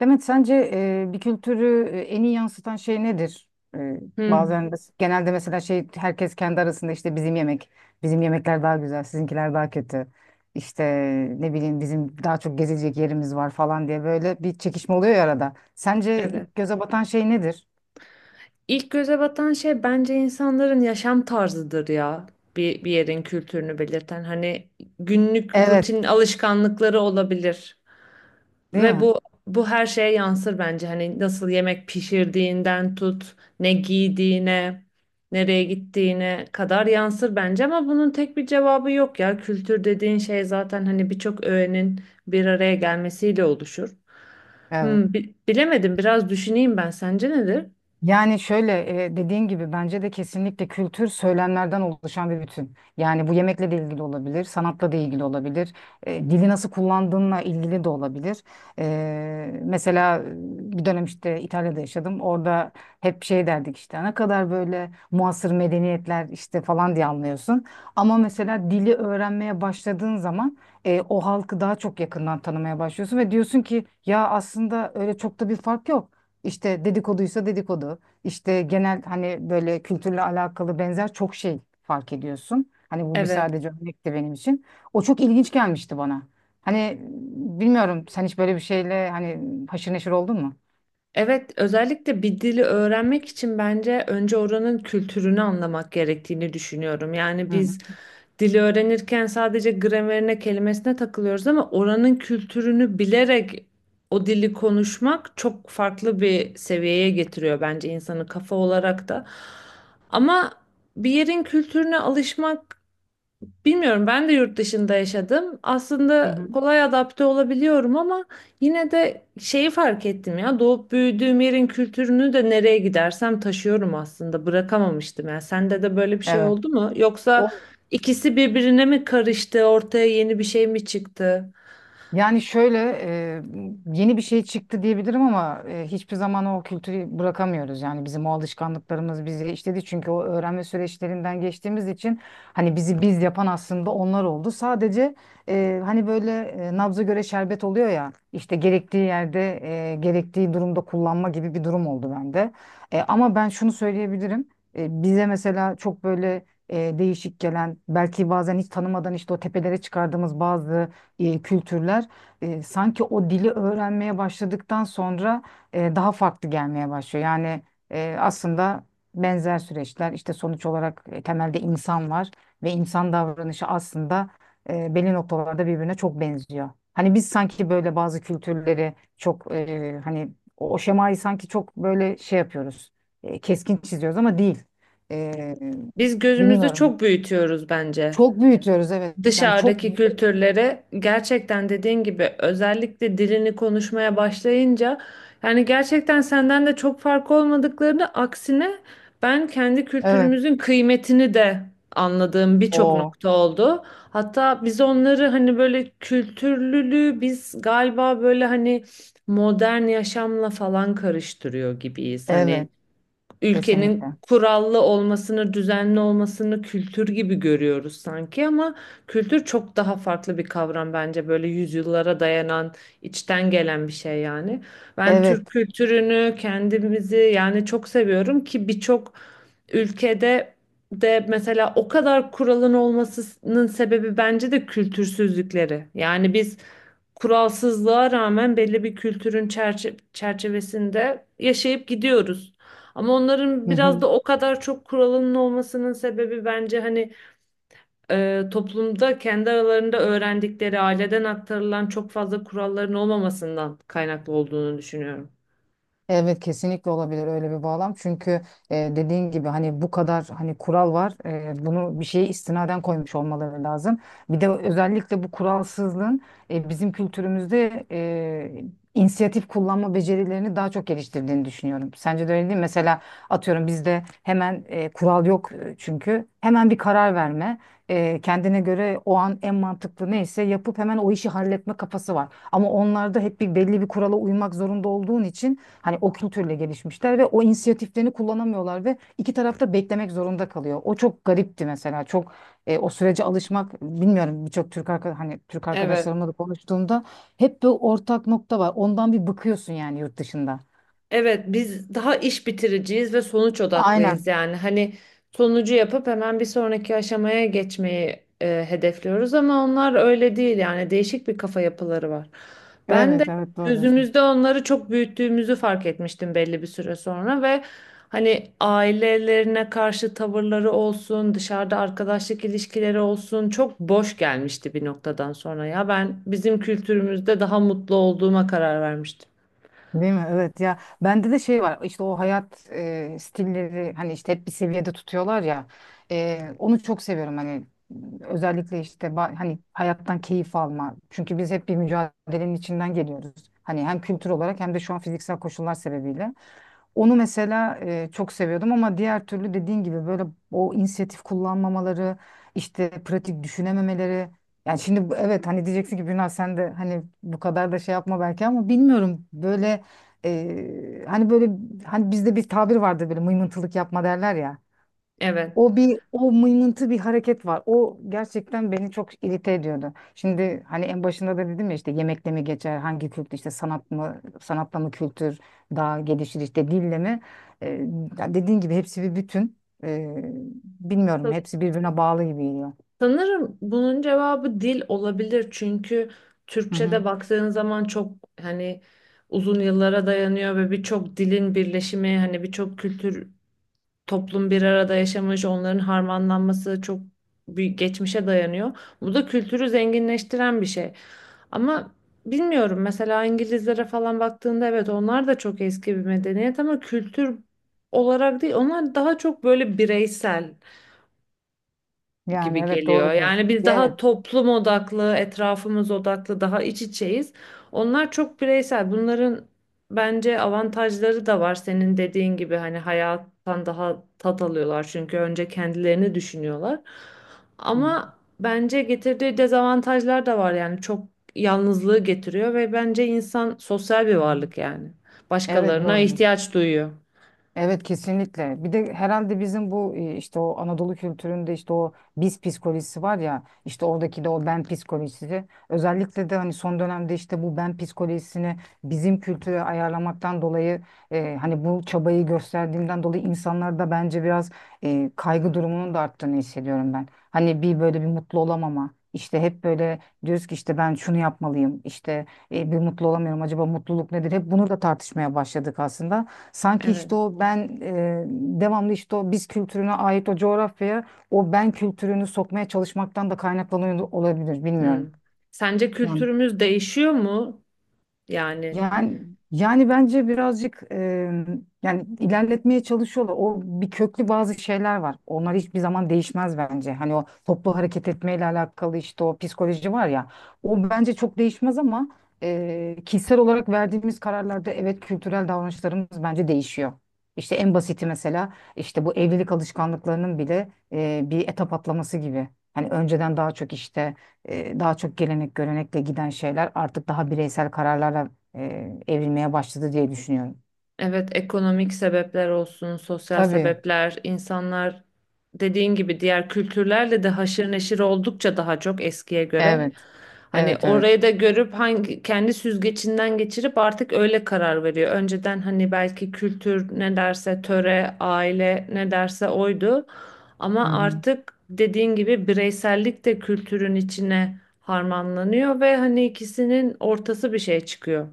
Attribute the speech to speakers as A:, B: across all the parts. A: Demet, sence bir kültürü en iyi yansıtan şey nedir? E,
B: Hmm,
A: bazen genelde mesela şey herkes kendi arasında işte bizim yemek, bizim yemekler daha güzel, sizinkiler daha kötü. İşte ne bileyim bizim daha çok gezilecek yerimiz var falan diye böyle bir çekişme oluyor ya arada. Sence
B: evet.
A: ilk göze batan şey nedir?
B: İlk göze batan şey bence insanların yaşam tarzıdır ya. Bir yerin kültürünü belirten hani günlük
A: Evet,
B: rutin alışkanlıkları olabilir
A: değil
B: ve
A: mi?
B: bu her şeye yansır bence. Hani nasıl yemek pişirdiğinden tut, ne giydiğine, nereye gittiğine kadar yansır bence ama bunun tek bir cevabı yok ya. Kültür dediğin şey zaten hani birçok öğenin bir araya gelmesiyle oluşur.
A: Evet.
B: Hmm, bilemedim, biraz düşüneyim ben. Sence nedir?
A: Yani şöyle dediğin gibi bence de kesinlikle kültür söylemlerden oluşan bir bütün. Yani bu yemekle de ilgili olabilir, sanatla da ilgili olabilir, dili nasıl kullandığınla ilgili de olabilir. Mesela bir dönem işte İtalya'da yaşadım. Orada hep şey derdik işte ne kadar böyle muasır medeniyetler işte falan diye anlıyorsun. Ama mesela dili öğrenmeye başladığın zaman o halkı daha çok yakından tanımaya başlıyorsun ve diyorsun ki ya aslında öyle çok da bir fark yok. İşte dedikoduysa dedikodu. İşte genel hani böyle kültürle alakalı benzer çok şey fark ediyorsun. Hani bu bir
B: Evet.
A: sadece örnekti benim için. O çok ilginç gelmişti bana. Hani bilmiyorum sen hiç böyle bir şeyle hani haşır neşir oldun mu?
B: Evet, özellikle bir dili öğrenmek için bence önce oranın kültürünü anlamak gerektiğini düşünüyorum. Yani
A: Hı hı.
B: biz dili öğrenirken sadece gramerine, kelimesine takılıyoruz ama oranın kültürünü bilerek o dili konuşmak çok farklı bir seviyeye getiriyor bence insanı kafa olarak da. Ama bir yerin kültürüne alışmak, bilmiyorum, ben de yurt dışında yaşadım.
A: hı
B: Aslında
A: hı.
B: kolay adapte olabiliyorum ama yine de şeyi fark ettim ya, doğup büyüdüğüm yerin kültürünü de nereye gidersem taşıyorum aslında, bırakamamıştım ya. Sende de böyle bir şey
A: Evet.
B: oldu mu? Yoksa
A: O
B: ikisi birbirine mi karıştı, ortaya yeni bir şey mi çıktı?
A: Yani şöyle yeni bir şey çıktı diyebilirim ama hiçbir zaman o kültürü bırakamıyoruz. Yani bizim o alışkanlıklarımız bizi işledi çünkü o öğrenme süreçlerinden geçtiğimiz için hani bizi biz yapan aslında onlar oldu. Sadece hani böyle nabza göre şerbet oluyor ya işte gerektiği yerde gerektiği durumda kullanma gibi bir durum oldu bende. Ama ben şunu söyleyebilirim. Bize mesela çok böyle değişik gelen belki bazen hiç tanımadan işte o tepelere çıkardığımız bazı kültürler sanki o dili öğrenmeye başladıktan sonra daha farklı gelmeye başlıyor. Yani aslında benzer süreçler işte sonuç olarak temelde insan var ve insan davranışı aslında belli noktalarda birbirine çok benziyor. Hani biz sanki böyle bazı kültürleri çok hani o şemayı sanki çok böyle şey yapıyoruz. Keskin çiziyoruz ama değil. E,
B: Biz gözümüzde
A: bilmiyorum.
B: çok büyütüyoruz bence.
A: Çok büyütüyoruz, evet. Yani çok,
B: Dışarıdaki kültürlere gerçekten dediğin gibi özellikle dilini konuşmaya başlayınca yani gerçekten senden de çok fark olmadıklarını, aksine ben kendi
A: evet.
B: kültürümüzün kıymetini de anladığım birçok
A: O,
B: nokta oldu. Hatta biz onları hani böyle kültürlülüğü biz galiba böyle hani modern yaşamla falan karıştırıyor gibiyiz. Hani
A: evet.
B: ülkenin
A: Kesinlikle.
B: kurallı olmasını, düzenli olmasını kültür gibi görüyoruz sanki ama kültür çok daha farklı bir kavram bence, böyle yüzyıllara dayanan, içten gelen bir şey yani. Ben Türk
A: Evet.
B: kültürünü, kendimizi yani çok seviyorum ki birçok ülkede de mesela o kadar kuralın olmasının sebebi bence de kültürsüzlükleri. Yani biz kuralsızlığa rağmen belli bir kültürün çerçevesinde yaşayıp gidiyoruz. Ama onların
A: Hı
B: biraz
A: hı.
B: da o kadar çok kuralının olmasının sebebi bence hani toplumda kendi aralarında öğrendikleri, aileden aktarılan çok fazla kuralların olmamasından kaynaklı olduğunu düşünüyorum.
A: Evet, kesinlikle olabilir öyle bir bağlam. Çünkü dediğin gibi hani bu kadar hani kural var. Bunu bir şeye istinaden koymuş olmaları lazım. Bir de özellikle bu kuralsızlığın bizim kültürümüzde inisiyatif kullanma becerilerini daha çok geliştirdiğini düşünüyorum. Sence de öyle değil mi? Mesela atıyorum bizde hemen kural yok çünkü. Hemen bir karar verme. Kendine göre o an en mantıklı neyse yapıp hemen o işi halletme kafası var. Ama onlarda hep bir belli bir kurala uymak zorunda olduğun için hani o kültürle gelişmişler ve o inisiyatiflerini kullanamıyorlar ve iki tarafta beklemek zorunda kalıyor. O çok garipti mesela. Çok o sürece alışmak bilmiyorum, birçok hani Türk
B: Evet.
A: arkadaşlarımla da konuştuğumda hep bir ortak nokta var. Ondan bir bıkıyorsun yani yurt dışında.
B: Evet, biz daha iş bitiriciyiz ve sonuç odaklıyız
A: Aynen.
B: yani. Hani sonucu yapıp hemen bir sonraki aşamaya geçmeyi hedefliyoruz ama onlar öyle değil yani, değişik bir kafa yapıları var. Ben de
A: Evet, evet, doğru diyorsun.
B: gözümüzde onları çok büyüttüğümüzü fark etmiştim belli bir süre sonra ve hani ailelerine karşı tavırları olsun, dışarıda arkadaşlık ilişkileri olsun çok boş gelmişti bir noktadan sonra ya. Ben bizim kültürümüzde daha mutlu olduğuma karar vermiştim.
A: Değil mi? Evet ya, bende de şey var işte o hayat stilleri, hani işte hep bir seviyede tutuyorlar ya. Onu çok seviyorum, hani özellikle işte hani hayattan keyif alma, çünkü biz hep bir mücadelenin içinden geliyoruz hani, hem kültür olarak hem de şu an fiziksel koşullar sebebiyle. Onu mesela çok seviyordum ama diğer türlü dediğin gibi böyle o inisiyatif kullanmamaları, işte pratik düşünememeleri. Yani şimdi evet hani diyeceksin ki Bülent sen de hani bu kadar da şey yapma belki ama bilmiyorum, böyle hani böyle, hani bizde bir tabir vardır, böyle mıymıntılık yapma derler ya.
B: Evet.
A: O mıymıntı bir hareket var. O gerçekten beni çok irite ediyordu. Şimdi hani en başında da dedim ya, işte yemekle mi geçer, hangi kültür, işte sanat mı, sanatla mı kültür daha gelişir, işte dille mi? Ee, ya dediğin gibi, hepsi bir bütün. Ee, bilmiyorum, hepsi birbirine bağlı gibi geliyor.
B: Sanırım bunun cevabı dil olabilir, çünkü
A: Hı hı.
B: Türkçe'de baktığın zaman çok hani uzun yıllara dayanıyor ve birçok dilin birleşimi, hani birçok kültür, toplum bir arada yaşamış, onların harmanlanması çok büyük geçmişe dayanıyor. Bu da kültürü zenginleştiren bir şey. Ama bilmiyorum, mesela İngilizlere falan baktığında evet onlar da çok eski bir medeniyet ama kültür olarak değil, onlar daha çok böyle bireysel
A: Yani
B: gibi
A: evet,
B: geliyor.
A: doğrudur.
B: Yani biz
A: Evet.
B: daha toplum odaklı, etrafımız odaklı, daha iç içeyiz. Onlar çok bireysel. Bunların bence avantajları da var. Senin dediğin gibi hani hayattan daha tat alıyorlar çünkü önce kendilerini düşünüyorlar.
A: Hı
B: Ama bence getirdiği dezavantajlar da var yani, çok yalnızlığı getiriyor ve bence insan sosyal bir
A: hı.
B: varlık yani.
A: Evet,
B: Başkalarına
A: doğrudur.
B: ihtiyaç duyuyor.
A: Evet, kesinlikle. Bir de herhalde bizim bu işte o Anadolu kültüründe işte o biz psikolojisi var ya, işte oradaki de o ben psikolojisi. Özellikle de hani son dönemde işte bu ben psikolojisini bizim kültüre ayarlamaktan dolayı, hani bu çabayı gösterdiğimden dolayı insanlarda bence biraz kaygı durumunun da arttığını hissediyorum ben. Hani bir böyle bir mutlu olamama. İşte hep böyle diyoruz ki işte ben şunu yapmalıyım. İşte bir mutlu olamıyorum. Acaba mutluluk nedir? Hep bunu da tartışmaya başladık aslında. Sanki
B: Evet.
A: işte o ben, devamlı işte o biz kültürüne ait o coğrafyaya o ben kültürünü sokmaya çalışmaktan da kaynaklanıyor olabilir,
B: Hmm.
A: bilmiyorum.
B: Sence
A: Yani
B: kültürümüz değişiyor mu? Yani
A: Yani yani bence birazcık yani ilerletmeye çalışıyorlar. O bir köklü bazı şeyler var. Onlar hiçbir zaman değişmez bence. Hani o toplu hareket etmeyle alakalı işte o psikoloji var ya. O bence çok değişmez ama kişisel olarak verdiğimiz kararlarda evet, kültürel davranışlarımız bence değişiyor. İşte en basiti mesela, işte bu evlilik alışkanlıklarının bile bir etap atlaması gibi. Hani önceden daha çok gelenek görenekle giden şeyler artık daha bireysel kararlarla evrilmeye başladı diye düşünüyorum.
B: evet, ekonomik sebepler olsun, sosyal
A: Tabii.
B: sebepler, insanlar dediğin gibi diğer kültürlerle de haşır neşir oldukça daha çok eskiye göre.
A: Evet.
B: Hani
A: Evet, evet.
B: orayı da görüp hangi kendi süzgecinden geçirip artık öyle karar veriyor. Önceden hani belki kültür ne derse, töre, aile ne derse oydu.
A: Hı
B: Ama
A: hı.
B: artık dediğin gibi bireysellik de kültürün içine harmanlanıyor ve hani ikisinin ortası bir şey çıkıyor.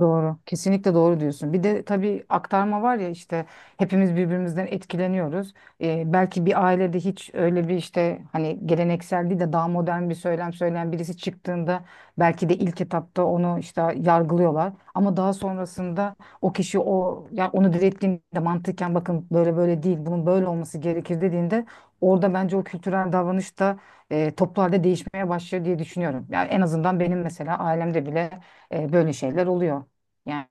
A: Doğru. Kesinlikle doğru diyorsun. Bir de tabii aktarma var ya, işte hepimiz birbirimizden etkileniyoruz. Belki bir ailede hiç öyle bir, işte hani geleneksel değil de daha modern bir söylem söyleyen birisi çıktığında, belki de ilk etapta onu işte yargılıyorlar. Ama daha sonrasında o kişi, o yani onu direttiğinde, mantıken bakın böyle böyle değil bunun böyle olması gerekir dediğinde, orada bence o kültürel davranış da toplu değişmeye başlıyor diye düşünüyorum. Yani en azından benim mesela ailemde bile böyle şeyler oluyor. Yani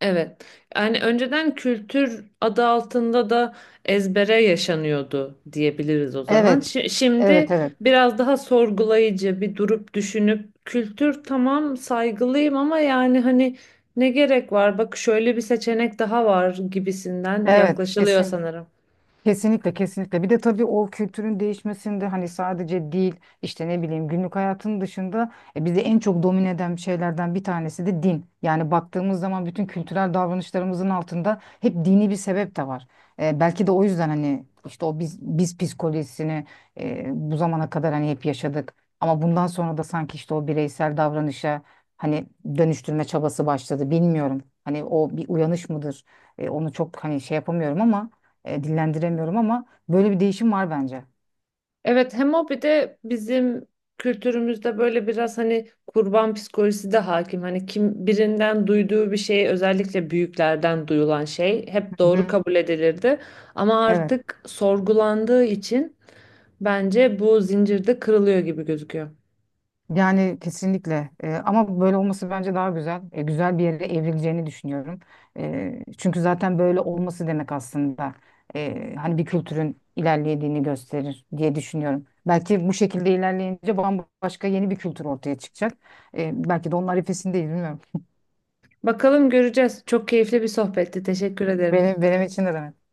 B: Evet. Yani önceden kültür adı altında da ezbere yaşanıyordu diyebiliriz o zaman.
A: evet,
B: Şimdi
A: evet, evet.
B: biraz daha sorgulayıcı, bir durup düşünüp kültür tamam, saygılıyım ama yani hani ne gerek var? Bak, şöyle bir seçenek daha var gibisinden
A: Evet,
B: yaklaşılıyor
A: kesin.
B: sanırım.
A: Kesinlikle, kesinlikle. Bir de tabii o kültürün değişmesinde hani sadece dil, işte ne bileyim günlük hayatın dışında bizi en çok domine eden şeylerden bir tanesi de din. Yani baktığımız zaman bütün kültürel davranışlarımızın altında hep dini bir sebep de var. Belki de o yüzden hani işte o biz psikolojisini bu zamana kadar hani hep yaşadık. Ama bundan sonra da sanki işte o bireysel davranışa hani dönüştürme çabası başladı. Bilmiyorum. Hani o bir uyanış mıdır? Onu çok hani şey yapamıyorum ama, dillendiremiyorum ama böyle bir değişim var bence.
B: Evet, hem o bir de bizim kültürümüzde böyle biraz hani kurban psikolojisi de hakim. Hani kim birinden duyduğu bir şey, özellikle büyüklerden duyulan şey hep
A: Hı
B: doğru
A: hı.
B: kabul edilirdi. Ama
A: Evet.
B: artık sorgulandığı için bence bu zincirde kırılıyor gibi gözüküyor.
A: Yani kesinlikle. Ama böyle olması bence daha güzel. Güzel bir yere evrileceğini düşünüyorum. Çünkü zaten böyle olması demek aslında hani bir kültürün ilerlediğini gösterir diye düşünüyorum. Belki bu şekilde ilerleyince bambaşka yeni bir kültür ortaya çıkacak. Belki de onun arifesindeyiz, bilmiyorum.
B: Bakalım, göreceğiz. Çok keyifli bir sohbetti. Teşekkür ederim.
A: Benim için de demek.